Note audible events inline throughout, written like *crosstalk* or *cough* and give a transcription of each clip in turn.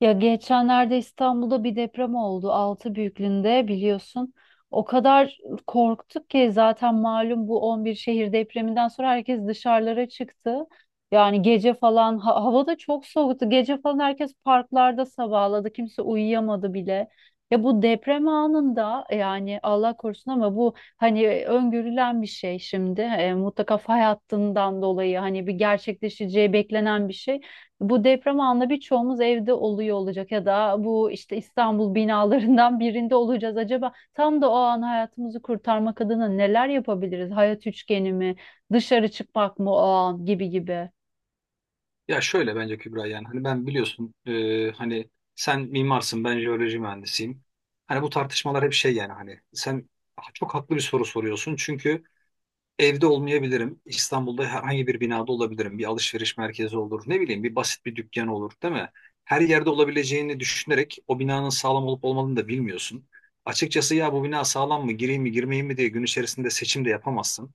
Ya geçenlerde İstanbul'da bir deprem oldu. 6 büyüklüğünde biliyorsun. O kadar korktuk ki zaten malum bu 11 şehir depreminden sonra herkes dışarılara çıktı. Yani gece falan hava da çok soğuktu. Gece falan herkes parklarda sabahladı. Kimse uyuyamadı bile. Ya bu deprem anında yani Allah korusun ama bu hani öngörülen bir şey şimdi. Mutlaka fay hattından dolayı hani bir gerçekleşeceği beklenen bir şey. Bu deprem anında birçoğumuz evde oluyor olacak ya da bu işte İstanbul binalarından *laughs* birinde olacağız. Acaba tam da o an hayatımızı kurtarmak adına neler yapabiliriz? Hayat üçgeni mi? Dışarı çıkmak mı o an gibi gibi. Ya şöyle bence Kübra yani hani ben biliyorsun hani sen mimarsın ben jeoloji mühendisiyim. Hani bu tartışmalar hep şey yani hani sen çok haklı bir soru soruyorsun. Çünkü evde olmayabilirim. İstanbul'da herhangi bir binada olabilirim. Bir alışveriş merkezi olur. Ne bileyim bir basit bir dükkan olur değil mi? Her yerde olabileceğini düşünerek o binanın sağlam olup olmadığını da bilmiyorsun. Açıkçası ya bu bina sağlam mı gireyim mi girmeyeyim mi diye gün içerisinde seçim de yapamazsın.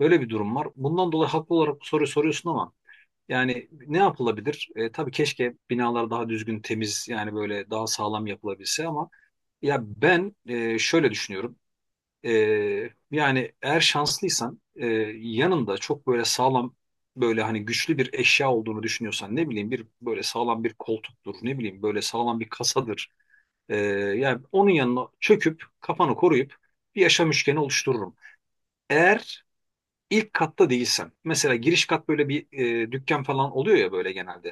Böyle bir durum var. Bundan dolayı haklı olarak bu soruyu soruyorsun ama yani ne yapılabilir? Tabii keşke binalar daha düzgün, temiz yani böyle daha sağlam yapılabilse ama ya ben şöyle düşünüyorum. E, Yani eğer şanslıysan yanında çok böyle sağlam böyle hani güçlü bir eşya olduğunu düşünüyorsan ne bileyim bir böyle sağlam bir koltuktur ne bileyim böyle sağlam bir kasadır. E, Yani onun yanına çöküp kafanı koruyup bir yaşam üçgeni oluştururum. Eğer ilk katta değilsem mesela giriş kat böyle bir dükkan falan oluyor ya böyle genelde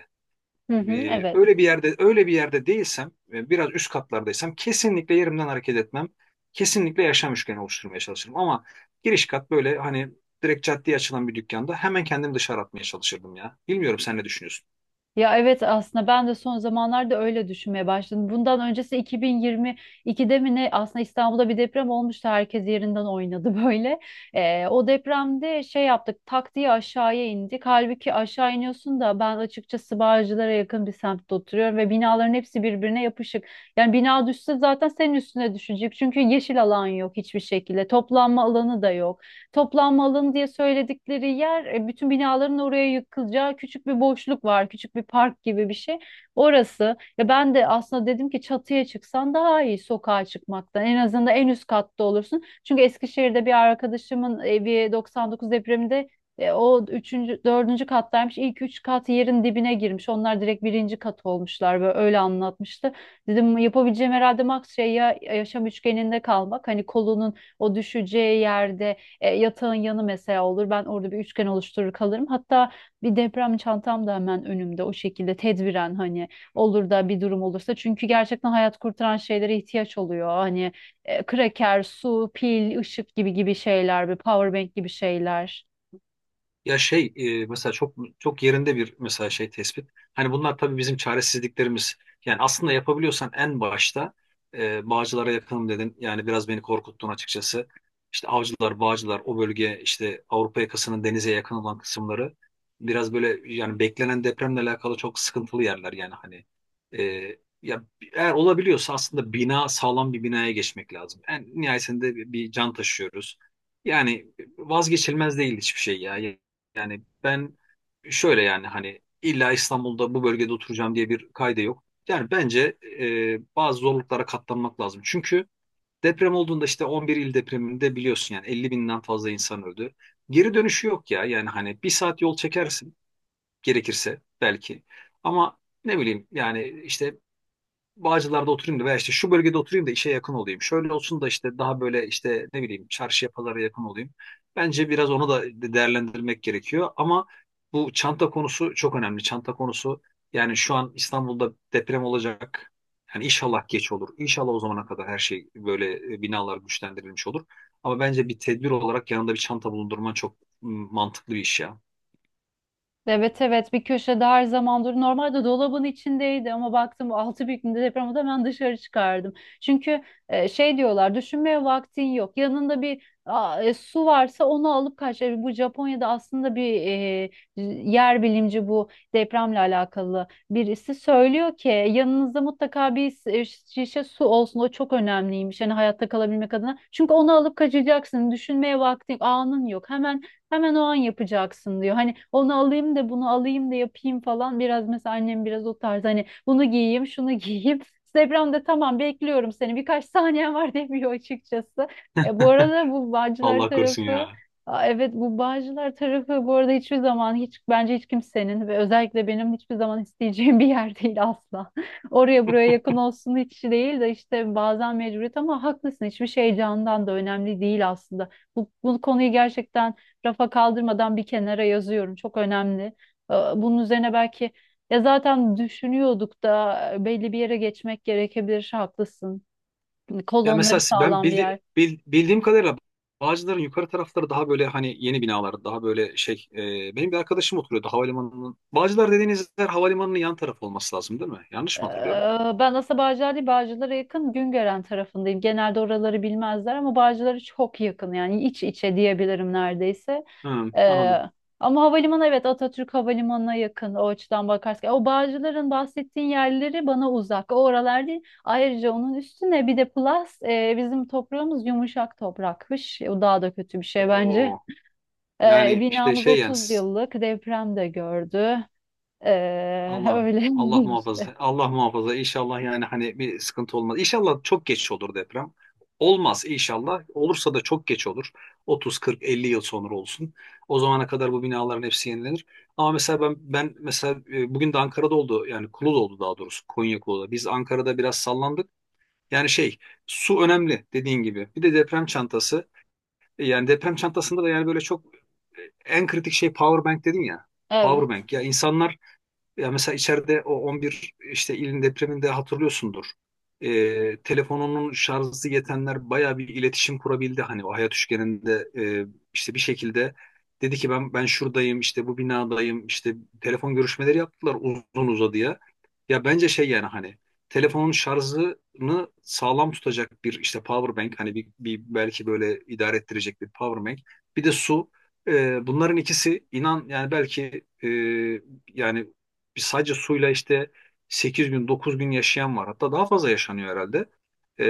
Hı hı, e, evet. Öyle bir yerde değilsem biraz üst katlardaysam kesinlikle yerimden hareket etmem. Kesinlikle yaşam üçgeni oluşturmaya çalışırım ama giriş kat böyle hani direkt caddeye açılan bir dükkanda hemen kendimi dışarı atmaya çalışırdım ya. Bilmiyorum sen ne düşünüyorsun? Ya evet, aslında ben de son zamanlarda öyle düşünmeye başladım. Bundan öncesi 2022'de mi ne, aslında İstanbul'da bir deprem olmuştu. Herkes yerinden oynadı *laughs* böyle. O depremde şey yaptık, tak diye aşağıya indik. Halbuki aşağı iniyorsun da, ben açıkçası Bağcılar'a yakın bir semtte oturuyorum ve binaların hepsi birbirine yapışık. Yani bina düşse zaten senin üstüne düşecek. Çünkü yeşil alan yok hiçbir şekilde. Toplanma alanı da yok. Toplanma alanı diye söyledikleri yer, bütün binaların oraya yıkılacağı küçük bir boşluk var. Küçük bir park gibi bir şey. Orası. Ya ben de aslında dedim ki çatıya çıksan daha iyi sokağa çıkmaktan. En azından en üst katta olursun. Çünkü Eskişehir'de bir arkadaşımın evi 99 depreminde, o üçüncü, dördüncü kattaymış. İlk üç kat yerin dibine girmiş. Onlar direkt 1. kat olmuşlar böyle, öyle anlatmıştı. Dedim yapabileceğim herhalde max şey ya yaşam üçgeninde kalmak. Hani kolunun o düşeceği yerde, yatağın yanı mesela olur. Ben orada bir üçgen oluşturur kalırım. Hatta bir deprem çantam da hemen önümde o şekilde tedbiren, hani olur da bir durum olursa. Çünkü gerçekten hayat kurtaran şeylere ihtiyaç oluyor. Hani, kraker, su, pil, ışık gibi gibi şeyler, bir powerbank gibi şeyler. Ya şey mesela çok çok yerinde bir mesela şey tespit. Hani bunlar tabii bizim çaresizliklerimiz. Yani aslında yapabiliyorsan en başta Bağcılar'a yakınım dedin. Yani biraz beni korkuttun açıkçası. İşte Avcılar, Bağcılar o bölge işte Avrupa yakasının denize yakın olan kısımları biraz böyle yani beklenen depremle alakalı çok sıkıntılı yerler yani hani. E, Ya eğer olabiliyorsa aslında bina sağlam bir binaya geçmek lazım. En nihayetinde bir can taşıyoruz. Yani vazgeçilmez değil hiçbir şey ya. Yani ben şöyle yani hani illa İstanbul'da bu bölgede oturacağım diye bir kayda yok. Yani bence bazı zorluklara katlanmak lazım. Çünkü deprem olduğunda işte 11 il depreminde biliyorsun yani 50 binden fazla insan öldü. Geri dönüşü yok ya yani hani bir saat yol çekersin gerekirse belki. Ama ne bileyim yani işte Bağcılar'da oturayım da veya işte şu bölgede oturayım da işe yakın olayım. Şöyle olsun da işte daha böyle işte ne bileyim çarşıya pazara yakın olayım. Bence biraz onu da değerlendirmek gerekiyor ama bu çanta konusu çok önemli. Çanta konusu yani şu an İstanbul'da deprem olacak. Yani inşallah geç olur. İnşallah o zamana kadar her şey böyle binalar güçlendirilmiş olur. Ama bence bir tedbir olarak yanında bir çanta bulundurman çok mantıklı bir iş ya. Evet, evet, bir köşede her zaman dur. Normalde dolabın içindeydi ama baktım 6 büyüklüğünde deprem oldu, hemen dışarı çıkardım. Çünkü şey diyorlar, düşünmeye vaktin yok. Yanında bir su varsa onu alıp kaç. E, bu Japonya'da aslında bir yer bilimci, bu depremle alakalı birisi söylüyor ki yanınızda mutlaka bir şişe su olsun. O çok önemliymiş, yani hayatta kalabilmek adına. Çünkü onu alıp kaçacaksın. Düşünmeye vaktin, anın yok. Hemen o an yapacaksın diyor. Hani onu alayım da bunu alayım da yapayım falan. Biraz mesela annem biraz o tarz, hani bunu giyeyim, şunu *laughs* giyeyim. Instagram'da tamam, bekliyorum seni, birkaç saniyen var *laughs* demiyor açıkçası. E, bu *laughs* arada bu Bağcılar Allah korusun tarafı. ya. Aa, evet, bu Bağcılar tarafı bu arada hiçbir zaman, hiç bence hiç kimsenin ve özellikle benim hiçbir zaman isteyeceğim *laughs* bir yer değil asla. *laughs* Oraya buraya yakın olsun hiç değil de işte bazen mecburiyet, ama haklısın, hiçbir şey candan da önemli değil aslında. Bu konuyu gerçekten rafa kaldırmadan bir kenara yazıyorum. Çok önemli. Bunun üzerine belki ya zaten düşünüyorduk da, belli bir yere geçmek gerekebilir. Haklısın. Hani Ya kolonları mesela ben sağlam bir yer. Bildiğim kadarıyla Bağcılar'ın yukarı tarafları daha böyle hani yeni binalar, daha böyle şey. Benim bir arkadaşım oturuyordu havalimanının. Bağcılar dediğiniz yer havalimanının yan tarafı olması lazım değil mi? Yanlış mı hatırlıyorum? Ben aslında Bağcılar değil, Bağcılar'a yakın Güngören tarafındayım. Genelde oraları bilmezler ama Bağcılar'a çok yakın, yani iç içe diyebilirim neredeyse. Hı, Ee, anladım. Ama havalimanı, evet, Atatürk Havalimanı'na yakın o açıdan bakarsak. O Bağcılar'ın bahsettiğin yerleri bana uzak. O oralar değil. Ayrıca onun üstüne bir de plus, bizim toprağımız yumuşak toprakmış. O daha da kötü bir şey bence. Oo, yani işte Binamız şey yani 30 yıllık, deprem de gördü. Allah Öyle Allah *laughs* işte. muhafaza. Allah muhafaza. İnşallah yani hani bir sıkıntı olmaz. İnşallah çok geç olur deprem. Olmaz inşallah. Olursa da çok geç olur. 30, 40, 50 yıl sonra olsun. O zamana kadar bu binaların hepsi yenilenir. Ama mesela ben mesela bugün de Ankara'da oldu. Yani Kula'da oldu daha doğrusu. Konya Kula'da. Biz Ankara'da biraz sallandık. Yani şey su önemli dediğin gibi. Bir de deprem çantası. Yani deprem çantasında da yani böyle çok e, en kritik şey power bank dedin ya. Power Evet. bank. Ya insanlar ya mesela içeride o 11 işte ilin depreminde hatırlıyorsundur. Telefonunun şarjı yetenler bayağı bir iletişim kurabildi. Hani o hayat üçgeninde işte bir şekilde dedi ki ben şuradayım işte bu binadayım işte telefon görüşmeleri yaptılar uzun uzadıya. Ya bence şey yani hani telefonun şarjını sağlam tutacak bir işte power bank hani bir belki böyle idare ettirecek bir power bank bir de su. Bunların ikisi inan yani belki yani biz sadece suyla işte 8 gün 9 gün yaşayan var. Hatta daha fazla yaşanıyor herhalde. Ee,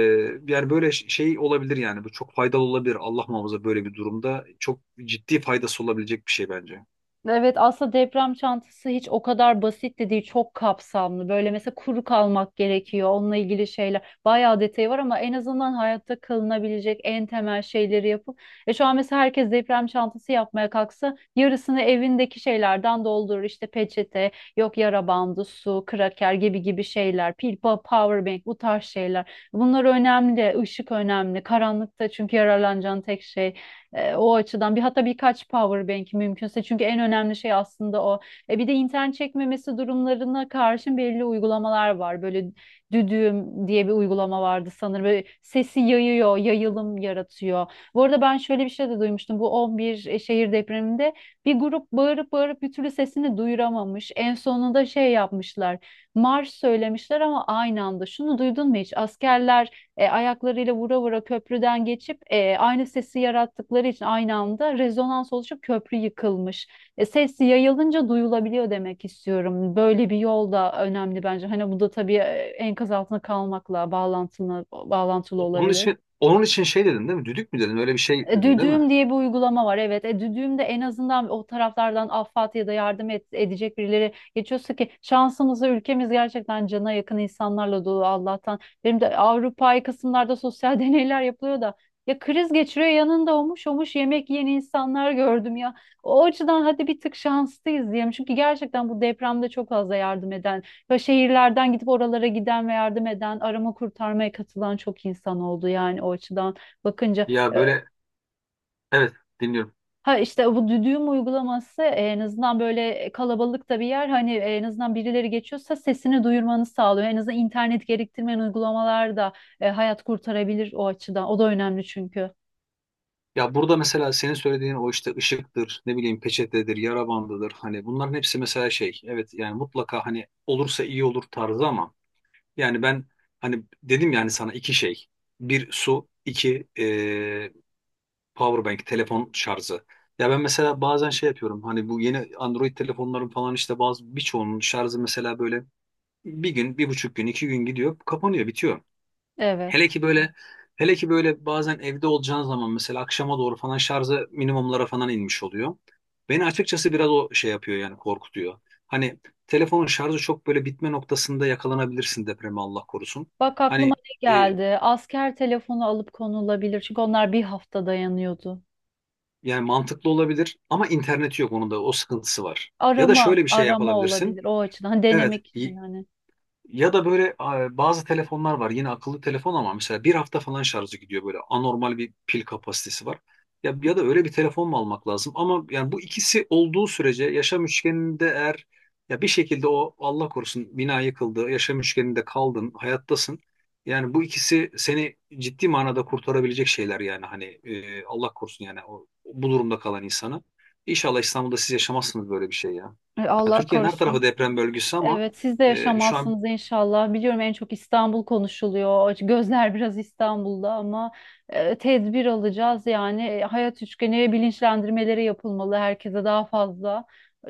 Yani böyle şey olabilir yani bu çok faydalı olabilir. Allah muhafaza böyle bir durumda çok ciddi faydası olabilecek bir şey bence. Evet, aslında deprem çantası hiç o kadar basit de değil, çok kapsamlı böyle. Mesela kuru kalmak gerekiyor, onunla ilgili şeyler bayağı detayı var, ama en azından hayatta kalınabilecek en temel şeyleri yapıp şu an mesela herkes deprem çantası yapmaya kalksa yarısını evindeki şeylerden doldurur, işte peçete, yok yara bandı, su, kraker gibi gibi şeyler, power bank, bu tarz şeyler. Bunlar önemli, ışık önemli karanlıkta, çünkü yararlanacağın tek şey. O açıdan bir, hatta birkaç power bank mümkünse, çünkü en önemli şey aslında o. E, bir de internet çekmemesi durumlarına karşın belli uygulamalar var. Böyle Düdüğüm diye bir uygulama vardı sanırım. Böyle sesi yayıyor, yayılım yaratıyor. Bu arada ben şöyle bir şey de duymuştum. Bu 11 şehir depreminde bir grup bağırıp bağırıp bir türlü sesini duyuramamış. En sonunda şey yapmışlar. Marş söylemişler ama aynı anda. Şunu duydun mu hiç? Askerler ayaklarıyla vura vura köprüden geçip, aynı sesi yarattıkları için aynı anda rezonans oluşup köprü yıkılmış. E, ses yayılınca duyulabiliyor demek istiyorum. Böyle bir yol da önemli bence. Hani bu da tabii, enkaz altında kalmakla bağlantılı olabilir. Onun için şey dedin değil mi? Düdük mü dedin? Öyle bir şey E, dedin değil Düdüğüm mi? diye bir uygulama var, evet. E, Düdüğüm'de en azından o taraflardan affat ya da yardım et, edecek birileri geçiyorsa, ki şansımıza ülkemiz gerçekten cana yakın insanlarla dolu Allah'tan. Benim de Avrupa'yı kısımlarda sosyal *laughs* deneyler yapılıyor da, ya kriz geçiriyor yanında olmuş yemek yiyen insanlar gördüm ya. O açıdan hadi bir tık şanslıyız diyelim. Çünkü gerçekten bu depremde çok fazla yardım eden ve şehirlerden gidip oralara giden ve yardım eden, arama kurtarmaya katılan çok insan oldu, yani o açıdan bakınca. Ya E, böyle, evet, dinliyorum. ha işte bu düdüğüm uygulaması, en azından böyle kalabalıkta bir yer, hani en azından birileri geçiyorsa sesini duyurmanı sağlıyor. En azından internet gerektirmeyen uygulamalar da, hayat kurtarabilir o açıdan. O da önemli çünkü. Ya burada mesela senin söylediğin o işte ışıktır, ne bileyim peçetedir, yara bandıdır. Hani bunların hepsi mesela şey, evet yani mutlaka hani olursa iyi olur tarzı ama yani ben hani dedim yani sana iki şey. Bir su, iki powerbank, telefon şarjı. Ya ben mesela bazen şey yapıyorum. Hani bu yeni Android telefonların falan işte bazı birçoğunun şarjı mesela böyle bir gün, 1,5 gün, 2 gün gidiyor, kapanıyor, bitiyor. Hele Evet. ki böyle Hele ki böyle bazen evde olacağın zaman mesela akşama doğru falan şarjı minimumlara falan inmiş oluyor. Beni açıkçası biraz o şey yapıyor yani korkutuyor. Hani telefonun şarjı çok böyle bitme noktasında yakalanabilirsin depreme Allah korusun. Bak aklıma Hani ne e, geldi? Asker telefonu alıp konulabilir. Çünkü onlar 1 hafta dayanıyordu. yani mantıklı olabilir ama interneti yok onun da o sıkıntısı var. Ya da Arama, şöyle bir şey arama yapabilirsin. olabilir o açıdan. Hani Evet. denemek için hani. Ya da böyle bazı telefonlar var. Yine akıllı telefon ama mesela bir hafta falan şarjı gidiyor böyle. Anormal bir pil kapasitesi var. Ya, ya da öyle bir telefon mu almak lazım? Ama yani bu ikisi olduğu sürece yaşam üçgeninde eğer ya bir şekilde o Allah korusun bina yıkıldı, yaşam üçgeninde kaldın, hayattasın. Yani bu ikisi seni ciddi manada kurtarabilecek şeyler yani hani Allah korusun yani o, bu durumda kalan insanı. İnşallah İstanbul'da siz yaşamazsınız böyle bir şey ya. E, Ha, Allah Türkiye'nin her korusun. tarafı deprem bölgesi ama Evet, siz de şu an. yaşamazsınız inşallah. Biliyorum, en çok İstanbul konuşuluyor. Gözler *laughs* biraz İstanbul'da ama tedbir alacağız yani. E, hayat üçgeni bilinçlendirmeleri yapılmalı herkese daha fazla.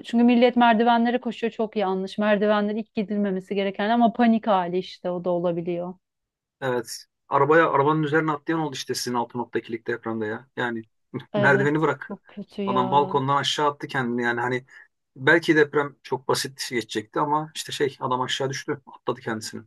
Çünkü millet merdivenlere koşuyor, çok yanlış. Merdivenler ilk gidilmemesi gereken ama panik hali işte, o da olabiliyor. Evet. Arabaya, arabanın üzerine atlayan oldu işte sizin altı noktakilik depremde ya. Yani *laughs* Evet, merdiveni bırak. çok kötü Adam ya. balkondan aşağı attı kendini yani hani belki deprem çok basit geçecekti ama işte şey adam aşağı düştü, atladı kendisini.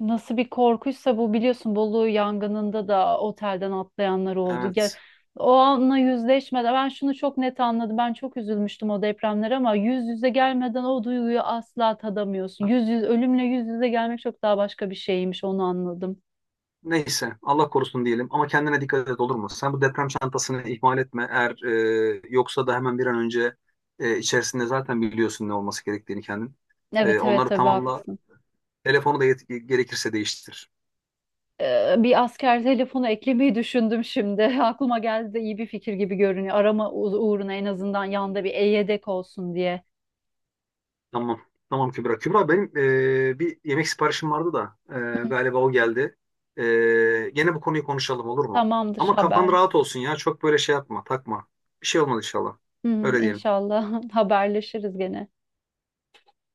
Nasıl bir korkuysa bu, biliyorsun Bolu yangınında da otelden atlayanlar oldu. Ya, Evet. o anla yüzleşmeden ben şunu çok net anladım. Ben çok üzülmüştüm o depremlere ama yüz yüze gelmeden o duyguyu asla tadamıyorsun. Yüz yüz Ölümle yüz yüze gelmek çok daha başka bir şeymiş, onu anladım. Neyse Allah korusun diyelim ama kendine dikkat et olur mu? Sen bu deprem çantasını ihmal etme. Eğer yoksa da hemen bir an önce içerisinde zaten biliyorsun ne olması gerektiğini kendin. E, Evet, evet, onları tabii tamamla. haklısın. Telefonu da gerekirse değiştir. Bir asker telefonu eklemeyi düşündüm şimdi. *laughs* Aklıma geldi de iyi bir fikir gibi görünüyor. Arama uğruna, en azından yanında bir e-yedek olsun diye. Tamam. Tamam Kübra. Kübra benim bir yemek siparişim vardı da galiba o geldi. Gene bu konuyu konuşalım olur mu? Tamamdır Ama kafan haber. rahat olsun ya. Çok böyle şey yapma, takma. Bir şey olmadı inşallah. Hı hı, Öyle diyelim. İnşallah *laughs* haberleşiriz gene.